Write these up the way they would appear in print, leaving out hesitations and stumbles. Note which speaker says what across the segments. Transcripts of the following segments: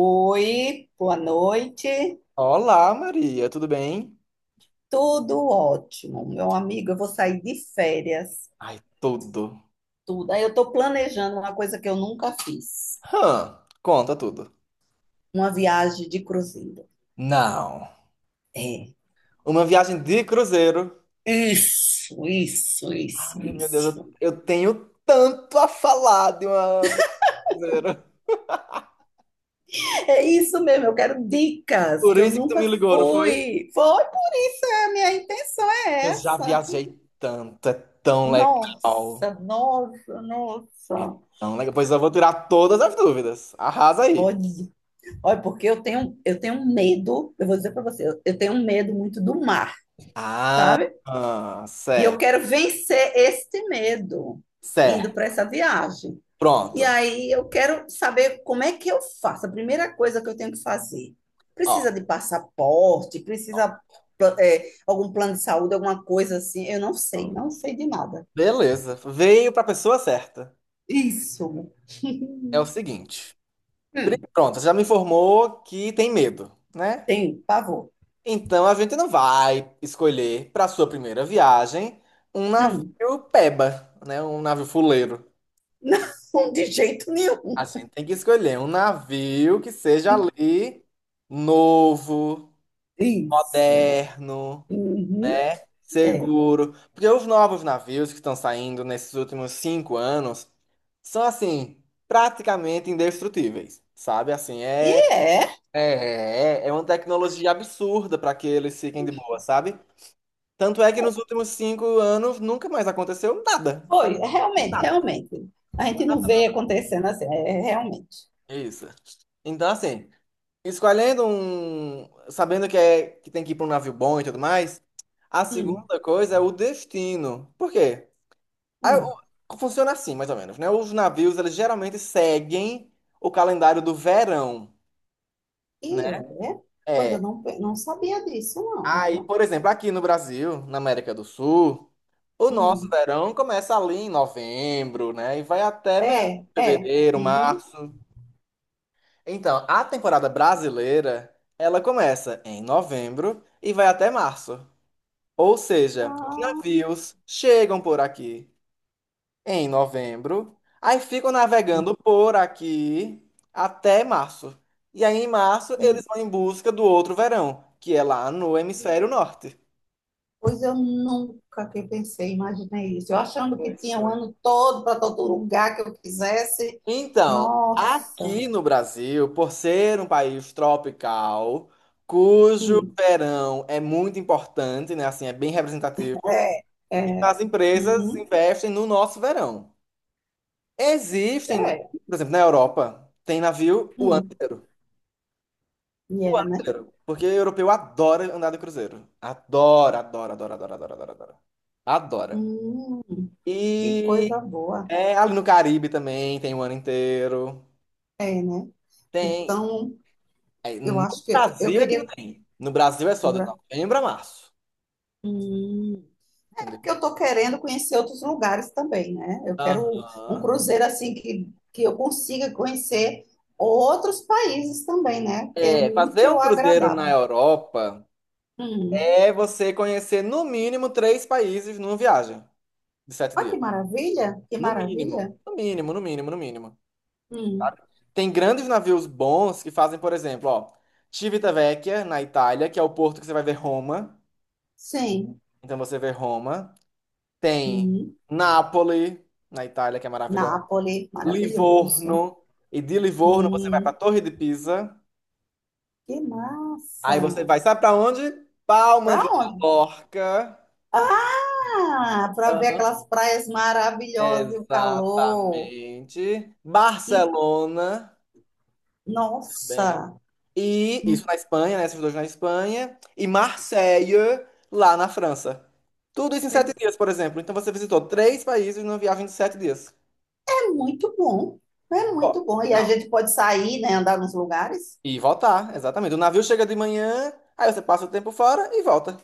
Speaker 1: Oi, boa noite.
Speaker 2: Olá, Maria, tudo bem?
Speaker 1: Tudo ótimo, meu amigo. Eu vou sair de férias,
Speaker 2: Ai, tudo.
Speaker 1: tudo. Aí eu estou planejando uma coisa que eu nunca fiz,
Speaker 2: Hã, conta tudo.
Speaker 1: uma viagem de cruzeiro.
Speaker 2: Não.
Speaker 1: É.
Speaker 2: Uma viagem de cruzeiro.
Speaker 1: Isso, isso, isso,
Speaker 2: Ai, meu Deus, eu,
Speaker 1: isso.
Speaker 2: eu tenho tanto a falar de uma viagem de cruzeiro.
Speaker 1: É isso mesmo, eu quero dicas,
Speaker 2: Por
Speaker 1: que eu
Speaker 2: isso que tu
Speaker 1: nunca
Speaker 2: me ligou, não foi?
Speaker 1: fui. Foi, a minha intenção
Speaker 2: Eu
Speaker 1: é
Speaker 2: já
Speaker 1: essa.
Speaker 2: viajei tanto, é tão legal.
Speaker 1: Nossa, nossa,
Speaker 2: É
Speaker 1: nossa.
Speaker 2: tão legal. Pois eu vou tirar todas as dúvidas. Arrasa aí.
Speaker 1: Olha, olha, porque eu tenho um medo, eu vou dizer para você, eu tenho um medo muito do mar.
Speaker 2: Ah,
Speaker 1: Sabe?
Speaker 2: ah,
Speaker 1: E eu
Speaker 2: certo,
Speaker 1: quero vencer este medo indo para
Speaker 2: certo.
Speaker 1: essa viagem. E
Speaker 2: Pronto.
Speaker 1: aí eu quero saber como é que eu faço. A primeira coisa que eu tenho que fazer.
Speaker 2: Ó,
Speaker 1: Precisa de passaporte, precisa algum plano de saúde, alguma coisa assim. Eu não sei, não sei de nada.
Speaker 2: beleza. Veio pra pessoa certa.
Speaker 1: Isso.
Speaker 2: É o seguinte. Pri-
Speaker 1: Hum,
Speaker 2: Pronto, você já me informou que tem medo, né?
Speaker 1: tenho pavor.
Speaker 2: Então a gente não vai escolher para sua primeira viagem um navio
Speaker 1: Hum.
Speaker 2: peba, né? Um navio fuleiro.
Speaker 1: Não, de jeito
Speaker 2: A
Speaker 1: nenhum.
Speaker 2: gente tem que escolher um navio que seja ali novo,
Speaker 1: Isso.
Speaker 2: moderno,
Speaker 1: Uhum. É.
Speaker 2: seguro. Porque os novos navios que estão saindo nesses últimos 5 anos são assim, praticamente indestrutíveis, sabe? Assim,
Speaker 1: E
Speaker 2: é.
Speaker 1: é,
Speaker 2: É uma tecnologia absurda para que eles fiquem de boa, sabe? Tanto é que nos últimos 5 anos nunca mais aconteceu nada, sabe?
Speaker 1: foi, realmente,
Speaker 2: Nada,
Speaker 1: realmente. A gente não
Speaker 2: nada,
Speaker 1: vê
Speaker 2: nada.
Speaker 1: acontecendo assim, realmente.
Speaker 2: Isso. Então, assim, escolhendo um, sabendo que é que tem que ir para um navio bom e tudo mais, a
Speaker 1: Hum,
Speaker 2: segunda coisa é o destino. Por quê? Ah,
Speaker 1: hum.
Speaker 2: o- Funciona assim, mais ou menos, né? Os navios, eles geralmente seguem o calendário do verão, né?
Speaker 1: E é? Pois
Speaker 2: É.
Speaker 1: eu não, pe- não sabia disso, não,
Speaker 2: Aí,
Speaker 1: viu?
Speaker 2: por exemplo, aqui no Brasil, na América do Sul. O nosso
Speaker 1: Hum.
Speaker 2: verão começa ali em novembro, né? E vai até meados
Speaker 1: É,
Speaker 2: de
Speaker 1: é.
Speaker 2: fevereiro,
Speaker 1: Uhum.
Speaker 2: março. Então, a temporada brasileira, ela começa em novembro e vai até março. Ou seja, os
Speaker 1: Ah,
Speaker 2: navios chegam por aqui em novembro, aí ficam navegando por aqui até março. E aí, em março, eles
Speaker 1: hum.
Speaker 2: vão em busca do outro verão, que é lá no
Speaker 1: Hum.
Speaker 2: hemisfério norte.
Speaker 1: Pois eu nunca que pensei, imaginei isso. Eu achando que
Speaker 2: Pois,
Speaker 1: tinha o
Speaker 2: foi.
Speaker 1: ano todo para todo lugar que eu quisesse.
Speaker 2: Então,
Speaker 1: Nossa.
Speaker 2: aqui no Brasil, por ser um país tropical, cujo
Speaker 1: Hum.
Speaker 2: verão é muito importante, né? Assim, é bem representativo,
Speaker 1: É,
Speaker 2: então
Speaker 1: é.
Speaker 2: as empresas
Speaker 1: Uhum.
Speaker 2: investem no nosso verão. Existem,
Speaker 1: É.
Speaker 2: por exemplo, na Europa, tem navio o ano
Speaker 1: Hum.
Speaker 2: inteiro.
Speaker 1: E
Speaker 2: O
Speaker 1: é,
Speaker 2: ano
Speaker 1: né?
Speaker 2: inteiro. Porque europeu adora andar de cruzeiro. Adora, adora, adora, adora, adora, adora, adora. Adora.
Speaker 1: Hum. Que coisa
Speaker 2: E
Speaker 1: boa.
Speaker 2: é, ali no Caribe também tem o ano inteiro.
Speaker 1: É, né?
Speaker 2: Tem.
Speaker 1: Então,
Speaker 2: Aí,
Speaker 1: eu
Speaker 2: no
Speaker 1: acho que eu
Speaker 2: Brasil é que não
Speaker 1: queria.
Speaker 2: tem. No Brasil é só de novembro a março.
Speaker 1: Hum. Porque
Speaker 2: Entendeu?
Speaker 1: eu estou querendo conhecer outros lugares também, né? Eu quero um
Speaker 2: Aham.
Speaker 1: cruzeiro assim que eu consiga conhecer outros países também, né? Que é
Speaker 2: É, fazer
Speaker 1: útil
Speaker 2: um
Speaker 1: ou
Speaker 2: cruzeiro na
Speaker 1: agradável.
Speaker 2: Europa
Speaker 1: Hum.
Speaker 2: é você conhecer no mínimo três países numa viagem de sete
Speaker 1: Olha que
Speaker 2: dias.
Speaker 1: maravilha, que
Speaker 2: No mínimo.
Speaker 1: maravilha.
Speaker 2: No mínimo, no mínimo, no mínimo.
Speaker 1: Hum.
Speaker 2: Sabe? Tem grandes navios bons que fazem, por exemplo, ó, Civitavecchia, na Itália, que é o porto que você vai ver Roma.
Speaker 1: Sim.
Speaker 2: Então você vê Roma. Tem
Speaker 1: Hum.
Speaker 2: Nápoles, na Itália, que é maravilhosa.
Speaker 1: Nápoles, maravilhoso.
Speaker 2: Livorno. E de Livorno você vai para a
Speaker 1: Hum.
Speaker 2: Torre de Pisa.
Speaker 1: Que
Speaker 2: Aí
Speaker 1: massa.
Speaker 2: você vai, sabe para onde? Palma
Speaker 1: Para
Speaker 2: de
Speaker 1: onde?
Speaker 2: Mallorca.
Speaker 1: Ah, para ver
Speaker 2: Aham,
Speaker 1: aquelas praias maravilhosas e o calor.
Speaker 2: exatamente.
Speaker 1: Que,
Speaker 2: Barcelona também.
Speaker 1: nossa.
Speaker 2: E isso na Espanha, né? Esses dois na Espanha. E Marseille, lá na França. Tudo isso em 7 dias, por exemplo. Então você visitou três países numa viagem de sete dias.
Speaker 1: É muito bom, é
Speaker 2: Ó,
Speaker 1: muito bom. E a
Speaker 2: não.
Speaker 1: gente pode sair, né, andar nos lugares.
Speaker 2: E voltar, exatamente. O navio chega de manhã, aí você passa o tempo fora e volta.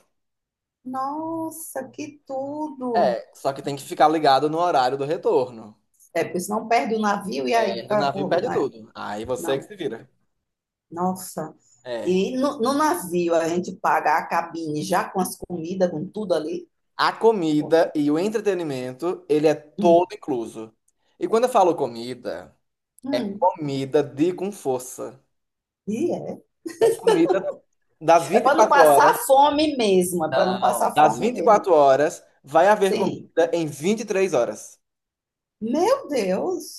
Speaker 1: Nossa, que tudo!
Speaker 2: É, só que tem que ficar ligado no horário do retorno.
Speaker 1: É, porque senão perde o navio e aí
Speaker 2: É, do navio
Speaker 1: acabou.
Speaker 2: perde
Speaker 1: Né?
Speaker 2: tudo. Aí você que
Speaker 1: Não,
Speaker 2: se vira.
Speaker 1: nossa.
Speaker 2: É.
Speaker 1: E no navio a gente paga a cabine já com as comidas, com tudo ali.
Speaker 2: A
Speaker 1: Pô,
Speaker 2: comida e o entretenimento, ele é
Speaker 1: hum,
Speaker 2: todo incluso. E quando eu falo comida, é
Speaker 1: hum.
Speaker 2: comida de com força.
Speaker 1: E é.
Speaker 2: É comida das
Speaker 1: É
Speaker 2: vinte e
Speaker 1: para não
Speaker 2: quatro
Speaker 1: passar
Speaker 2: horas.
Speaker 1: fome mesmo, é para não
Speaker 2: Não.
Speaker 1: passar
Speaker 2: Das
Speaker 1: fome
Speaker 2: vinte e
Speaker 1: mesmo.
Speaker 2: quatro horas, vai haver
Speaker 1: Sim.
Speaker 2: comida em 23 horas.
Speaker 1: Meu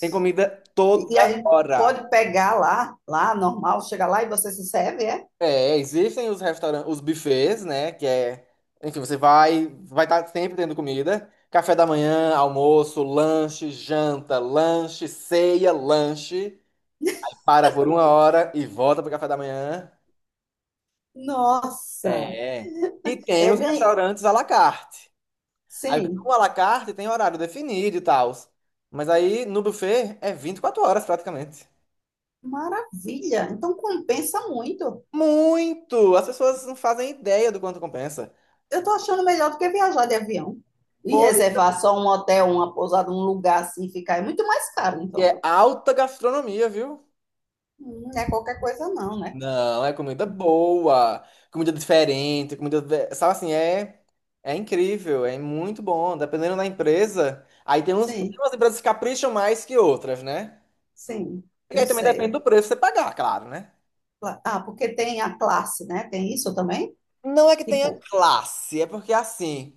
Speaker 2: Tem comida
Speaker 1: E
Speaker 2: toda
Speaker 1: a gente
Speaker 2: hora.
Speaker 1: pode pegar lá normal, chega lá e você se serve, é?
Speaker 2: É, existem os restaurantes, os buffets, né? Que é, enfim, você vai, vai estar sempre tendo comida. Café da manhã, almoço, lanche, janta, lanche, ceia, lanche. Para por 1 hora e volta pro café da manhã.
Speaker 1: Nossa,
Speaker 2: É. E tem
Speaker 1: é
Speaker 2: os
Speaker 1: ganha...
Speaker 2: restaurantes à la carte. Aí
Speaker 1: Sim,
Speaker 2: no à la carte tem horário definido e tal. Mas aí no buffet é 24 horas praticamente.
Speaker 1: maravilha. Então compensa muito.
Speaker 2: Muito! As pessoas não fazem ideia do quanto compensa.
Speaker 1: Eu estou achando melhor do que viajar de avião e
Speaker 2: Pois
Speaker 1: reservar só um hotel, uma pousada, um lugar assim, ficar. É muito mais caro, então.
Speaker 2: é alta gastronomia, viu?
Speaker 1: Não é qualquer coisa, não, né?
Speaker 2: Não, é comida boa, comida diferente, comida, sabe assim, é é incrível, é muito bom, dependendo da empresa. Aí tem uns, tem
Speaker 1: Sim,
Speaker 2: umas empresas que capricham mais que outras, né?
Speaker 1: sim,
Speaker 2: E
Speaker 1: eu
Speaker 2: aí também depende do
Speaker 1: sei.
Speaker 2: preço que você pagar, claro, né?
Speaker 1: Cla- Ah, porque tem a classe, né? Tem isso também?
Speaker 2: Não é que tenha
Speaker 1: Tipo,
Speaker 2: classe, é porque assim,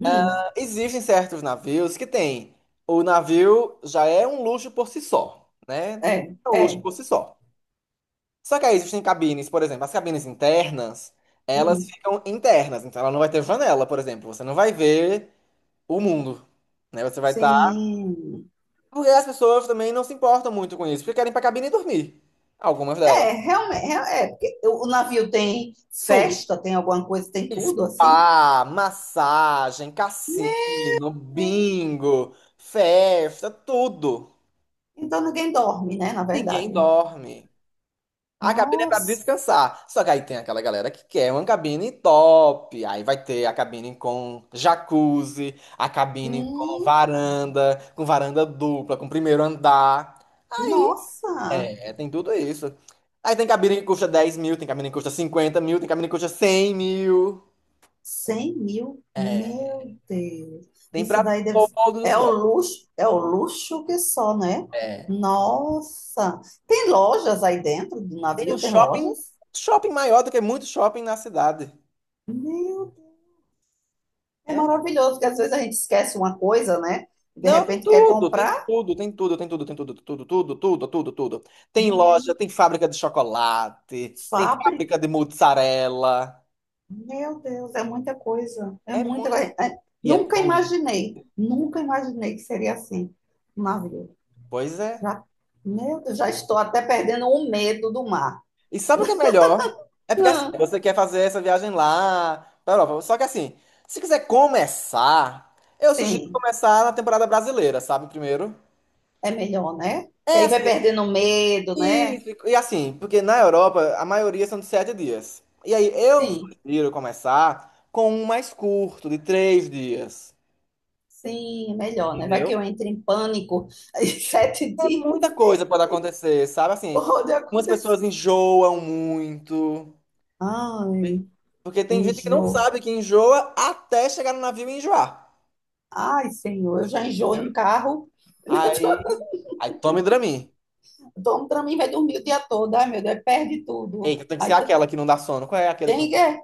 Speaker 1: hum,
Speaker 2: existem certos navios que tem. O navio já é um luxo por si só, né?
Speaker 1: é,
Speaker 2: É um luxo
Speaker 1: é,
Speaker 2: por si só. Só que aí existem cabines, por exemplo, as cabines internas, elas
Speaker 1: hum,
Speaker 2: ficam internas, então ela não vai ter janela, por exemplo. Você não vai ver o mundo, né? Você vai estar.
Speaker 1: sim.
Speaker 2: Porque as pessoas também não se importam muito com isso, porque querem ir pra cabine e dormir. Algumas delas.
Speaker 1: É, realmente, é, é, porque o navio tem
Speaker 2: Tudo.
Speaker 1: festa, tem alguma coisa, tem tudo assim.
Speaker 2: Spa, massagem,
Speaker 1: Né?
Speaker 2: cassino, bingo, festa, tudo.
Speaker 1: Então ninguém dorme, né? Na
Speaker 2: Ninguém
Speaker 1: verdade.
Speaker 2: dorme. A cabine é pra
Speaker 1: Nossa.
Speaker 2: descansar. Só que aí tem aquela galera que quer uma cabine top. Aí vai ter a cabine com jacuzzi, a cabine
Speaker 1: Hum,
Speaker 2: com varanda dupla, com primeiro andar. Aí,
Speaker 1: nossa.
Speaker 2: é, tem tudo isso. Aí tem cabine que custa 10.000, tem cabine que custa 50.000, tem cabine que custa 100.000.
Speaker 1: 100 mil.
Speaker 2: É,
Speaker 1: Meu Deus.
Speaker 2: tem
Speaker 1: Isso
Speaker 2: pra
Speaker 1: daí deve...
Speaker 2: todos os
Speaker 1: É o
Speaker 2: bolsos.
Speaker 1: luxo, é o luxo que só, né?
Speaker 2: É,
Speaker 1: Nossa. Tem lojas aí dentro do
Speaker 2: tem um
Speaker 1: navio? Tem
Speaker 2: shopping,
Speaker 1: lojas?
Speaker 2: shopping maior do que muito shopping na cidade.
Speaker 1: Meu Deus. É
Speaker 2: É.
Speaker 1: maravilhoso, porque às vezes a gente esquece uma coisa, né? De
Speaker 2: Não, tem
Speaker 1: repente quer
Speaker 2: tudo, tem
Speaker 1: comprar.
Speaker 2: tudo, tem tudo, tem tudo, tem tudo, tudo, tudo, tudo, tudo, tudo. Tem loja,
Speaker 1: Menino.
Speaker 2: tem fábrica de chocolate, tem fábrica de mozzarella.
Speaker 1: Meu Deus, é muita coisa. É
Speaker 2: É
Speaker 1: muita
Speaker 2: muito.
Speaker 1: coisa. É,
Speaker 2: E é
Speaker 1: nunca
Speaker 2: tão lindo.
Speaker 1: imaginei, nunca imaginei que seria assim um navio.
Speaker 2: Pois é.
Speaker 1: Já, meu Deus, já estou até perdendo o medo do mar.
Speaker 2: E sabe o que é melhor? É porque assim,
Speaker 1: Hum,
Speaker 2: você quer fazer essa viagem lá pra Europa. Só que assim, se quiser começar, eu sugiro
Speaker 1: sim,
Speaker 2: começar na temporada brasileira, sabe? Primeiro.
Speaker 1: é melhor, né? Que
Speaker 2: É
Speaker 1: aí vai
Speaker 2: assim,
Speaker 1: perdendo o medo, né?
Speaker 2: isso, e assim, porque na Europa a maioria são de sete dias. E aí eu
Speaker 1: Sim,
Speaker 2: sugiro começar com um mais curto, de 3 dias.
Speaker 1: sim, é melhor, né? Vai que
Speaker 2: Entendeu?
Speaker 1: eu entre em pânico em sete
Speaker 2: É
Speaker 1: dias.
Speaker 2: muita coisa pode acontecer, sabe? Assim,
Speaker 1: Pode
Speaker 2: umas
Speaker 1: acontecer.
Speaker 2: pessoas enjoam muito.
Speaker 1: Ai,
Speaker 2: Porque
Speaker 1: o
Speaker 2: tem gente que não
Speaker 1: enjoo.
Speaker 2: sabe que enjoa até chegar no navio e enjoar.
Speaker 1: Ai, Senhor, eu já enjoo em
Speaker 2: Entendeu?
Speaker 1: carro.
Speaker 2: Aí, aí tome Dramin.
Speaker 1: Dorme para mim, vai dormir o dia todo. Ai, meu Deus, perde tudo.
Speaker 2: Eita, tem que ser
Speaker 1: Aí tá,
Speaker 2: aquela que não dá sono. Qual é aquela que não
Speaker 1: tem que.
Speaker 2: dá sono?
Speaker 1: É,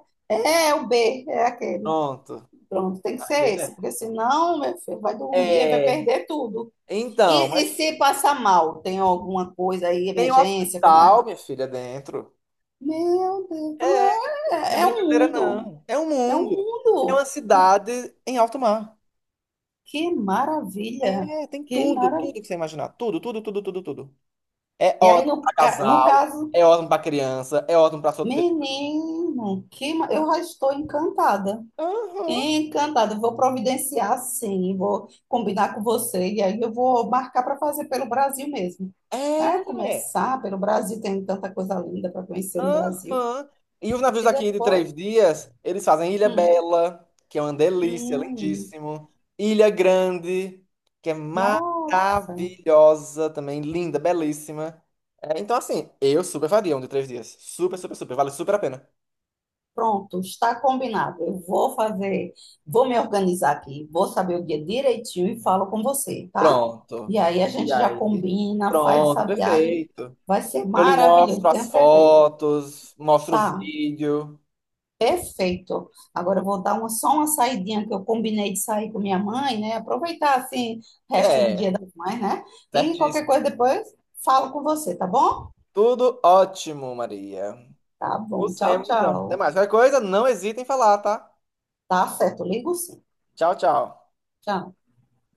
Speaker 1: é o B, é aquele.
Speaker 2: Pronto.
Speaker 1: Pronto, tem que ser
Speaker 2: Aquele é.
Speaker 1: esse, porque senão, meu filho, vai dormir e vai
Speaker 2: É.
Speaker 1: perder tudo.
Speaker 2: Então,
Speaker 1: E
Speaker 2: mas
Speaker 1: se passar mal, tem alguma coisa aí,
Speaker 2: tem um
Speaker 1: emergência, como é?
Speaker 2: hospital, minha filha, dentro.
Speaker 1: Meu Deus, então
Speaker 2: É, não é
Speaker 1: é, é um
Speaker 2: brincadeira,
Speaker 1: mundo,
Speaker 2: não. É um
Speaker 1: é um
Speaker 2: mundo. É uma
Speaker 1: mundo.
Speaker 2: cidade em alto mar.
Speaker 1: Que maravilha,
Speaker 2: É, tem
Speaker 1: que
Speaker 2: tudo,
Speaker 1: maravilha.
Speaker 2: tudo que você imaginar. Tudo, tudo, tudo, tudo, tudo. É
Speaker 1: E aí,
Speaker 2: ótimo pra
Speaker 1: no
Speaker 2: casal,
Speaker 1: caso,
Speaker 2: é ótimo pra criança, é ótimo pra solteiro.
Speaker 1: menino, eu já estou encantada.
Speaker 2: Aham.
Speaker 1: Encantada, vou providenciar sim, vou combinar com você e aí eu vou marcar para fazer pelo Brasil mesmo. Ah,
Speaker 2: É.
Speaker 1: começar pelo Brasil, tem tanta coisa linda para conhecer no Brasil.
Speaker 2: Aham. E os navios
Speaker 1: E
Speaker 2: daqui de
Speaker 1: depois,
Speaker 2: 3 dias, eles fazem Ilha
Speaker 1: hum,
Speaker 2: Bela, que é uma delícia,
Speaker 1: hum,
Speaker 2: lindíssimo. Ilha Grande, que é
Speaker 1: nossa,
Speaker 2: maravilhosa também, linda, belíssima. É, então, assim, eu super faria um de 3 dias. Super, super, super. Vale super a pena.
Speaker 1: pronto, está combinado. Eu vou fazer, vou me organizar aqui, vou saber o dia direitinho e falo com você, tá?
Speaker 2: Pronto.
Speaker 1: E aí a
Speaker 2: E
Speaker 1: gente já
Speaker 2: aí?
Speaker 1: combina, faz
Speaker 2: Pronto,
Speaker 1: essa viagem,
Speaker 2: perfeito.
Speaker 1: vai ser
Speaker 2: Eu lhe mostro
Speaker 1: maravilhoso, tenho
Speaker 2: as
Speaker 1: certeza.
Speaker 2: fotos, mostro o
Speaker 1: Tá.
Speaker 2: vídeo.
Speaker 1: Perfeito. Agora eu vou dar uma, só uma saidinha que eu combinei de sair com minha mãe, né? Aproveitar assim o resto do
Speaker 2: É,
Speaker 1: dia das mães, né? E qualquer
Speaker 2: certíssimo.
Speaker 1: coisa depois falo com você, tá bom?
Speaker 2: Tudo ótimo, Maria.
Speaker 1: Tá bom.
Speaker 2: Nos
Speaker 1: Tchau,
Speaker 2: vemos, então. Até
Speaker 1: tchau.
Speaker 2: mais. Qualquer coisa, não hesitem em falar, tá?
Speaker 1: Tá certo, ligo sim.
Speaker 2: Tchau, tchau.
Speaker 1: Tchau.